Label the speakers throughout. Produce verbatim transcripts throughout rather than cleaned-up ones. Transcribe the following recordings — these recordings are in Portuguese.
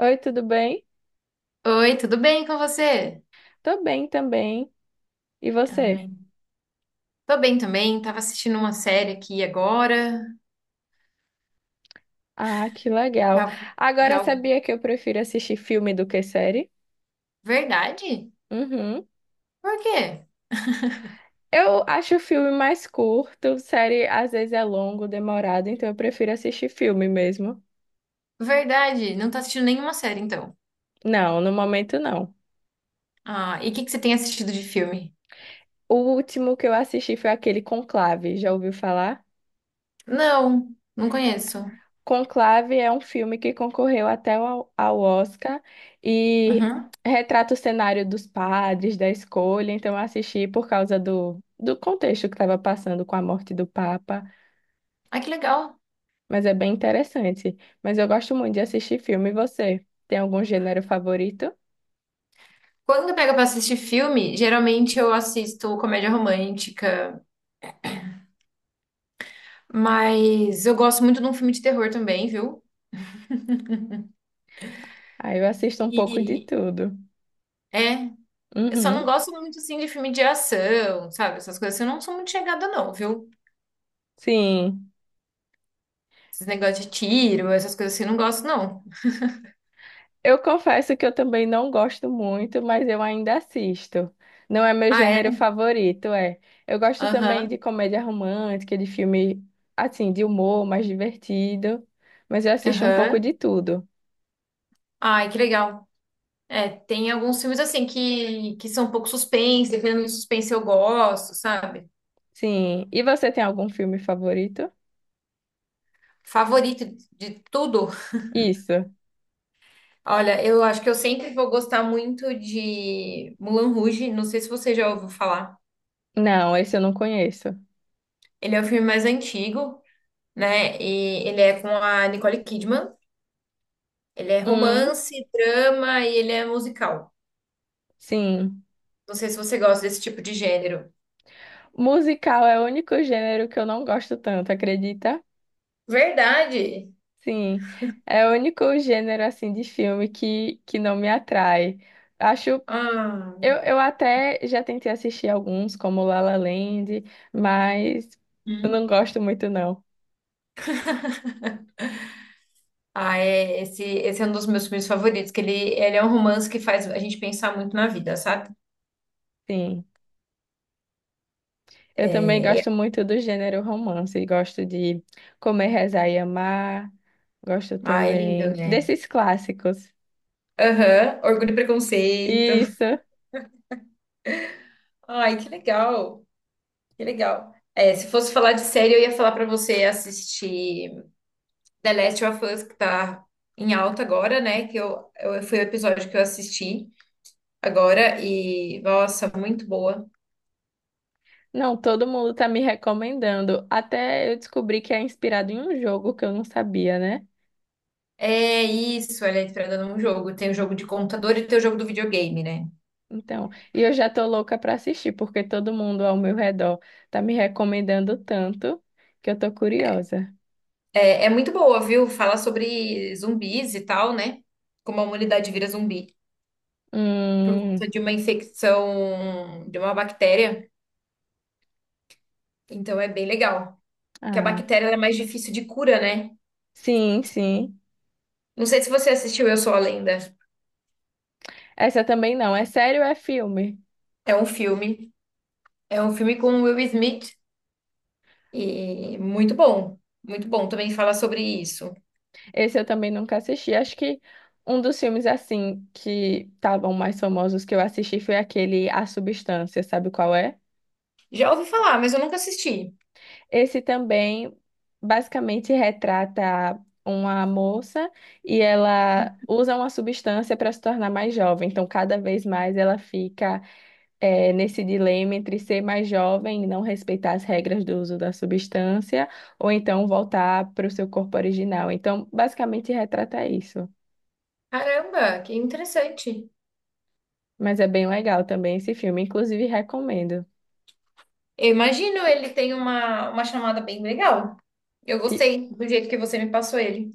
Speaker 1: Oi, tudo bem?
Speaker 2: Oi, tudo bem com você?
Speaker 1: Tô bem também. E
Speaker 2: Ai,
Speaker 1: você?
Speaker 2: tô bem também. Tava assistindo uma série aqui agora.
Speaker 1: Ah, que legal.
Speaker 2: Já,
Speaker 1: Agora
Speaker 2: já-
Speaker 1: sabia que eu prefiro assistir filme do que série?
Speaker 2: Verdade?
Speaker 1: Uhum.
Speaker 2: Por quê?
Speaker 1: Eu acho o filme mais curto, série às vezes é longo, demorado, então eu prefiro assistir filme mesmo.
Speaker 2: Verdade, não tá assistindo nenhuma série então.
Speaker 1: Não, no momento não.
Speaker 2: Ah, e o que que você tem assistido de filme?
Speaker 1: O último que eu assisti foi aquele Conclave, já ouviu falar?
Speaker 2: Não, não conheço.
Speaker 1: Conclave é um filme que concorreu até ao, ao Oscar e
Speaker 2: Uhum.
Speaker 1: retrata o cenário dos padres, da escolha. Então, eu assisti por causa do, do contexto que estava passando com a morte do Papa,
Speaker 2: Ah, que legal.
Speaker 1: mas é bem interessante. Mas eu gosto muito de assistir filme. E você? Tem algum gênero favorito?
Speaker 2: Quando eu pego pra assistir filme, geralmente eu assisto comédia romântica, mas eu gosto muito de um filme de terror também, viu?
Speaker 1: Aí eu assisto um pouco de
Speaker 2: E
Speaker 1: tudo.
Speaker 2: é. Eu só não
Speaker 1: Uhum.
Speaker 2: gosto muito, assim, de filme de ação, sabe? Essas coisas assim, eu não sou muito chegada, não, viu?
Speaker 1: Sim.
Speaker 2: Esses negócios de tiro, essas coisas assim, eu não gosto, não.
Speaker 1: Eu confesso que eu também não gosto muito, mas eu ainda assisto. Não é meu
Speaker 2: Ah,
Speaker 1: gênero
Speaker 2: é?
Speaker 1: favorito, é. Eu gosto também de
Speaker 2: Aham,
Speaker 1: comédia romântica, de filme assim, de humor mais divertido, mas eu assisto um pouco
Speaker 2: aham.
Speaker 1: de tudo.
Speaker 2: Ai, que legal. É, tem alguns filmes, assim, que, que são um pouco suspense, dependendo do suspense eu gosto, sabe?
Speaker 1: Sim. E você tem algum filme favorito?
Speaker 2: Favorito de tudo.
Speaker 1: Isso.
Speaker 2: Olha, eu acho que eu sempre vou gostar muito de Moulin Rouge, não sei se você já ouviu falar.
Speaker 1: Não, esse eu não conheço.
Speaker 2: Ele é o filme mais antigo, né? E ele é com a Nicole Kidman. Ele é
Speaker 1: Hum,
Speaker 2: romance, drama e ele é musical.
Speaker 1: sim.
Speaker 2: Não sei se você gosta desse tipo de gênero.
Speaker 1: Musical é o único gênero que eu não gosto tanto, acredita?
Speaker 2: Verdade.
Speaker 1: Sim. É o único gênero assim de filme que, que não me atrai. Acho.
Speaker 2: Ah,
Speaker 1: Eu, eu até já tentei assistir alguns, como La La Land, mas eu
Speaker 2: hum.
Speaker 1: não gosto muito, não.
Speaker 2: Ah, é, esse, esse é um dos meus filmes favoritos, que ele, ele é um romance que faz a gente pensar muito na vida, sabe?
Speaker 1: Sim. Eu também
Speaker 2: É, é-
Speaker 1: gosto muito do gênero romance. Gosto de Comer, Rezar e Amar. Gosto
Speaker 2: ah, é lindo,
Speaker 1: também
Speaker 2: né?
Speaker 1: desses clássicos.
Speaker 2: Aham, Orgulho e Preconceito.
Speaker 1: Isso.
Speaker 2: Ai, que legal, que legal. É, se fosse falar de série, eu ia falar pra você assistir The Last of Us, que tá em alta agora, né? Que eu, eu, foi o episódio que eu assisti. Agora e, nossa, muito boa.
Speaker 1: Não, todo mundo tá me recomendando. Até eu descobri que é inspirado em um jogo que eu não sabia, né?
Speaker 2: É isso, ela é inspirada num jogo. Tem o jogo de computador e tem o jogo do videogame, né?
Speaker 1: Então, e eu já tô louca pra assistir, porque todo mundo ao meu redor tá me recomendando tanto que eu tô curiosa.
Speaker 2: É, é muito boa, viu? Fala sobre zumbis e tal, né? Como a humanidade vira zumbi por
Speaker 1: Hum,
Speaker 2: conta de uma infecção de uma bactéria. Então é bem legal. Que a
Speaker 1: ah,
Speaker 2: bactéria ela é mais difícil de cura, né?
Speaker 1: sim, sim.
Speaker 2: Não sei se você assistiu Eu Sou a Lenda.
Speaker 1: Essa também não. É sério, é filme.
Speaker 2: É um filme. É um filme com o Will Smith e muito bom. Muito bom. Também fala sobre isso.
Speaker 1: Esse eu também nunca assisti. Acho que um dos filmes assim que estavam mais famosos que eu assisti foi aquele A Substância, sabe qual é?
Speaker 2: Já ouvi falar, mas eu nunca assisti.
Speaker 1: Esse também basicamente retrata uma moça e ela usa uma substância para se tornar mais jovem. Então, cada vez mais ela fica, é, nesse dilema entre ser mais jovem e não respeitar as regras do uso da substância, ou então voltar para o seu corpo original. Então, basicamente, retrata isso.
Speaker 2: Caramba, que interessante.
Speaker 1: Mas é bem legal também esse filme, inclusive recomendo.
Speaker 2: Eu imagino ele tem uma, uma chamada bem legal. Eu
Speaker 1: E-
Speaker 2: gostei do jeito que você me passou ele.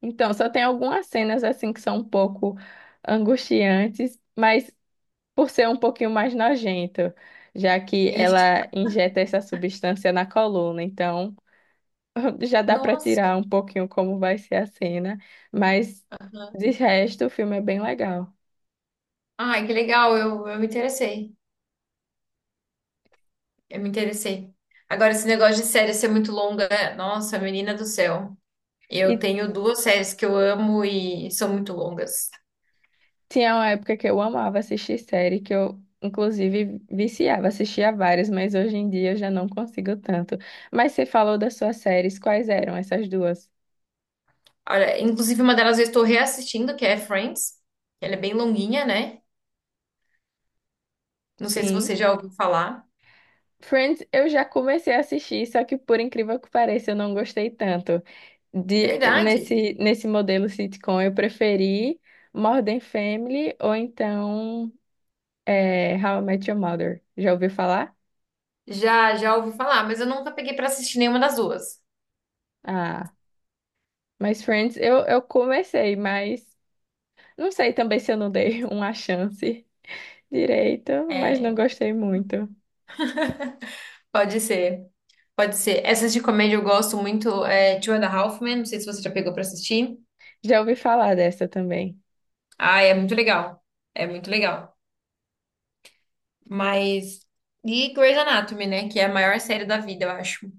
Speaker 1: então, só tem algumas cenas assim que são um pouco angustiantes, mas por ser um pouquinho mais nojento, já que
Speaker 2: Ixi,
Speaker 1: ela injeta essa substância na coluna, então. Já dá para
Speaker 2: nossa.
Speaker 1: tirar um pouquinho como vai ser a cena, mas
Speaker 2: Aham.
Speaker 1: de resto o filme é bem legal.
Speaker 2: Ai, que legal, eu, eu me interessei. Eu me interessei. Agora, esse negócio de série ser muito longa, nossa, menina do céu. Eu
Speaker 1: E
Speaker 2: tenho duas séries que eu amo e são muito longas.
Speaker 1: tinha uma época que eu amava assistir série, que eu inclusive viciava, assistia várias, mas hoje em dia eu já não consigo tanto. Mas você falou das suas séries, quais eram essas duas?
Speaker 2: Olha, inclusive, uma delas eu estou reassistindo, que é Friends. Ela é bem longuinha, né? Não sei se você
Speaker 1: Sim.
Speaker 2: já ouviu falar.
Speaker 1: Friends, eu já comecei a assistir, só que por incrível que pareça, eu não gostei tanto. De,
Speaker 2: Verdade.
Speaker 1: nesse, nesse modelo sitcom, eu preferi Modern Family ou então, é, How I Met Your Mother. Já ouviu falar?
Speaker 2: Já, já ouvi falar, mas eu nunca peguei pra assistir nenhuma das duas.
Speaker 1: Ah, mas Friends, eu, eu comecei, mas não sei também se eu não dei uma chance direito, mas não
Speaker 2: É,
Speaker 1: gostei muito.
Speaker 2: pode ser, pode ser. Essas de comédia eu gosto muito, é Two and a Half Men, não sei se você já pegou pra assistir.
Speaker 1: Já ouvi falar dessa também.
Speaker 2: Ah, é muito legal, é muito legal. Mas, e Grey's Anatomy, né, que é a maior série da vida, eu acho.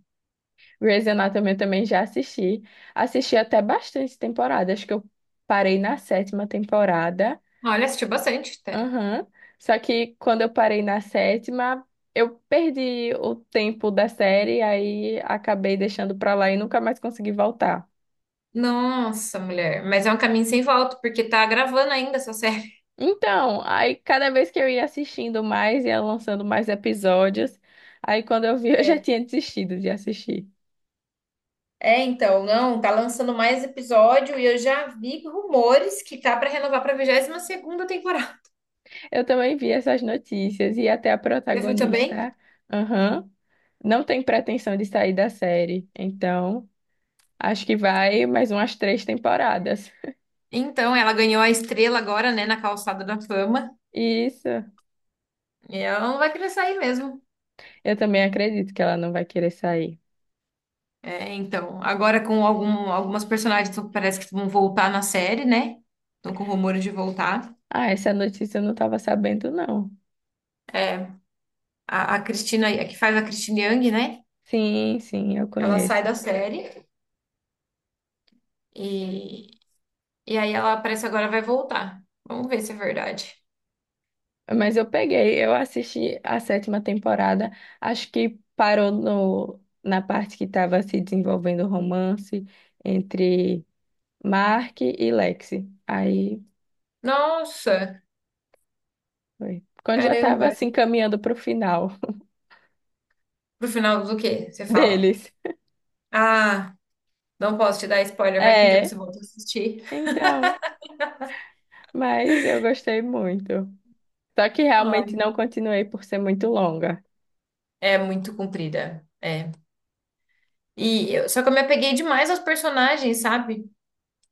Speaker 1: Grey's Anatomy eu também já assisti. Assisti até bastante temporada, acho que eu parei na sétima temporada.
Speaker 2: Olha, assisti bastante até.
Speaker 1: Aham. Só que quando eu parei na sétima, eu perdi o tempo da série, aí acabei deixando pra lá e nunca mais consegui voltar.
Speaker 2: Nossa, mulher, mas é um caminho sem volta, porque tá gravando ainda essa série.
Speaker 1: Então, aí cada vez que eu ia assistindo mais, ia lançando mais episódios. Aí quando eu vi, eu já
Speaker 2: É.
Speaker 1: tinha desistido de assistir.
Speaker 2: É, então, não, tá lançando mais episódio e eu já vi rumores que tá pra renovar pra vigésima segunda temporada.
Speaker 1: Eu também vi essas notícias e até a
Speaker 2: Você viu também?
Speaker 1: protagonista, aham, não tem pretensão de sair da série. Então, acho que vai mais umas três temporadas.
Speaker 2: Então, ela ganhou a estrela agora, né, na Calçada da Fama.
Speaker 1: Isso,
Speaker 2: E ela não vai querer sair mesmo.
Speaker 1: eu também acredito que ela não vai querer sair.
Speaker 2: É, então, agora com algum, algumas personagens que parece que vão voltar na série, né? Estão com rumores de voltar.
Speaker 1: Ah, essa notícia eu não estava sabendo, não.
Speaker 2: A, a Cristina, a que faz a Christine Yang, né?
Speaker 1: Sim, sim, eu
Speaker 2: Ela sai
Speaker 1: conheço.
Speaker 2: da série e, e aí ela parece agora vai voltar. Vamos ver se é verdade.
Speaker 1: Mas eu peguei, eu assisti a sétima temporada, acho que parou no, na parte que estava se desenvolvendo o romance entre Mark e Lexi. Aí
Speaker 2: Nossa,
Speaker 1: foi. Quando já estava
Speaker 2: caramba.
Speaker 1: assim caminhando para o final
Speaker 2: Pro final do quê? Você fala,
Speaker 1: deles.
Speaker 2: ah, não posso te dar spoiler, vai que um dia você
Speaker 1: É,
Speaker 2: volta a assistir.
Speaker 1: então, mas eu gostei muito. Só que
Speaker 2: Ah,
Speaker 1: realmente não continuei por ser muito longa.
Speaker 2: é muito comprida. É. E eu- só que eu me apeguei demais aos personagens, sabe?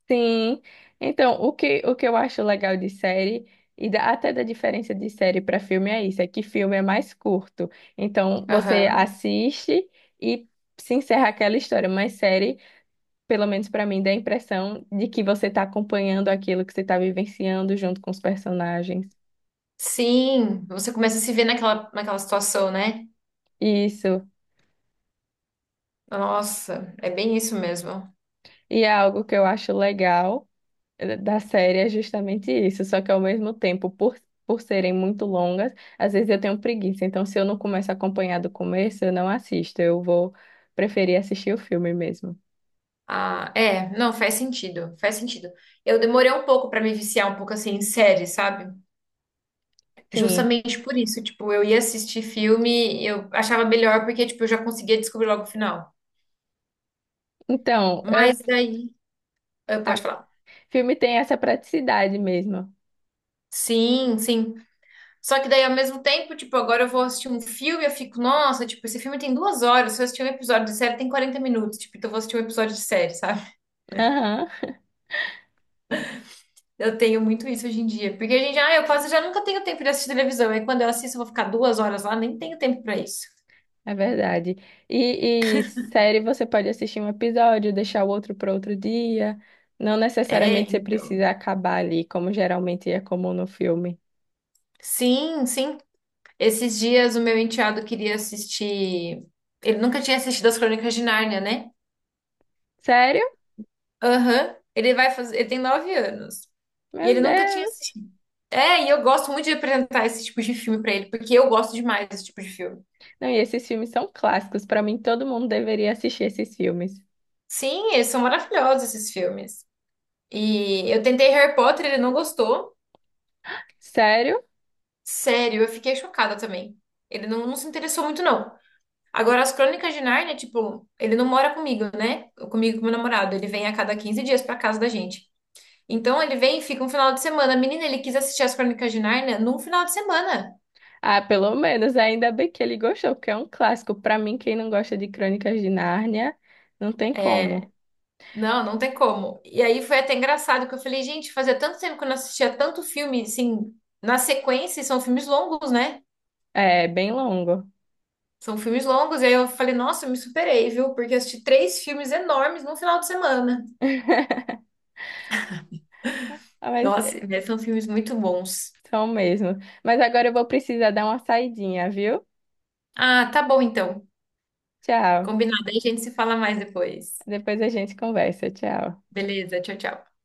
Speaker 1: Sim. Então, o que, o que eu acho legal de série, e da- até da diferença de série para filme é isso, é que filme é mais curto. Então, você
Speaker 2: Aham.
Speaker 1: assiste e se encerra aquela história, mas série, pelo menos para mim, dá a impressão de que você está acompanhando aquilo que você está vivenciando junto com os personagens.
Speaker 2: Sim, você começa a se ver naquela, naquela situação, né?
Speaker 1: Isso.
Speaker 2: Nossa, é bem isso mesmo.
Speaker 1: E é algo que eu acho legal da série é justamente isso, só que ao mesmo tempo, por, por serem muito longas, às vezes eu tenho preguiça. Então, se eu não começo a acompanhar do começo, eu não assisto. Eu vou preferir assistir o filme mesmo.
Speaker 2: Ah, é, não, faz sentido, faz sentido. Eu demorei um pouco pra me viciar um pouco assim em série, sabe?
Speaker 1: Sim.
Speaker 2: Justamente por isso, tipo, eu ia assistir filme, eu achava melhor porque tipo, eu já conseguia descobrir logo o final.
Speaker 1: Então,
Speaker 2: Mas
Speaker 1: eu-
Speaker 2: daí, ah, pode
Speaker 1: ah,
Speaker 2: falar.
Speaker 1: filme tem essa praticidade mesmo.
Speaker 2: Sim, sim. Só que daí, ao mesmo tempo, tipo, agora eu vou assistir um filme, eu fico, nossa, tipo, esse filme tem duas horas, se eu assistir um episódio de série tem quarenta minutos, tipo, então eu vou assistir um episódio de série, sabe?
Speaker 1: Aham,
Speaker 2: Eu tenho muito isso hoje em dia, porque a gente, ah, eu quase já nunca tenho tempo de assistir televisão, aí quando eu assisto eu vou ficar duas horas lá, nem tenho tempo pra isso.
Speaker 1: é verdade. E, e série você pode assistir um episódio, deixar o outro para outro dia. Não
Speaker 2: É,
Speaker 1: necessariamente você
Speaker 2: então.
Speaker 1: precisa acabar ali, como geralmente é comum no filme.
Speaker 2: Sim, sim. Esses dias o meu enteado queria assistir. Ele nunca tinha assistido As Crônicas de Nárnia, né?
Speaker 1: Sério?
Speaker 2: Aham. Ele vai fazer. Ele tem nove anos. E
Speaker 1: Meu
Speaker 2: ele nunca tinha
Speaker 1: Deus!
Speaker 2: assistido. É, e eu gosto muito de apresentar esse tipo de filme pra ele, porque eu gosto demais desse tipo de filme.
Speaker 1: Não, e esses filmes são clássicos. Pra mim, todo mundo deveria assistir esses filmes.
Speaker 2: Sim, eles são maravilhosos, esses filmes. E eu tentei Harry Potter, ele não gostou.
Speaker 1: Sério?
Speaker 2: Sério, eu fiquei chocada também. Ele não, não se interessou muito, não. Agora, as Crônicas de Nárnia, tipo, ele não mora comigo, né? Comigo e com meu namorado. Ele vem a cada quinze dias pra casa da gente. Então, ele vem e fica um final de semana. Menina, ele quis assistir as Crônicas de Nárnia num final de semana.
Speaker 1: Ah, pelo menos ainda bem que ele gostou, porque é um clássico. Pra mim, quem não gosta de Crônicas de Nárnia, não tem como.
Speaker 2: Não, não tem como. E aí foi até engraçado que eu falei, gente, fazia tanto tempo que eu não assistia tanto filme, assim, na sequência, e são filmes longos, né?
Speaker 1: É bem longo.
Speaker 2: São filmes longos. E aí eu falei, nossa, eu me superei, viu? Porque eu assisti três filmes enormes num final de semana.
Speaker 1: Ah, mas
Speaker 2: Nossa,
Speaker 1: é,
Speaker 2: mas são filmes muito bons.
Speaker 1: são mesmo. Mas agora eu vou precisar dar uma saidinha, viu?
Speaker 2: Ah, tá bom então.
Speaker 1: Tchau.
Speaker 2: Combinado, aí a gente se fala mais depois.
Speaker 1: Depois a gente conversa. Tchau.
Speaker 2: Beleza, tchau, tchau.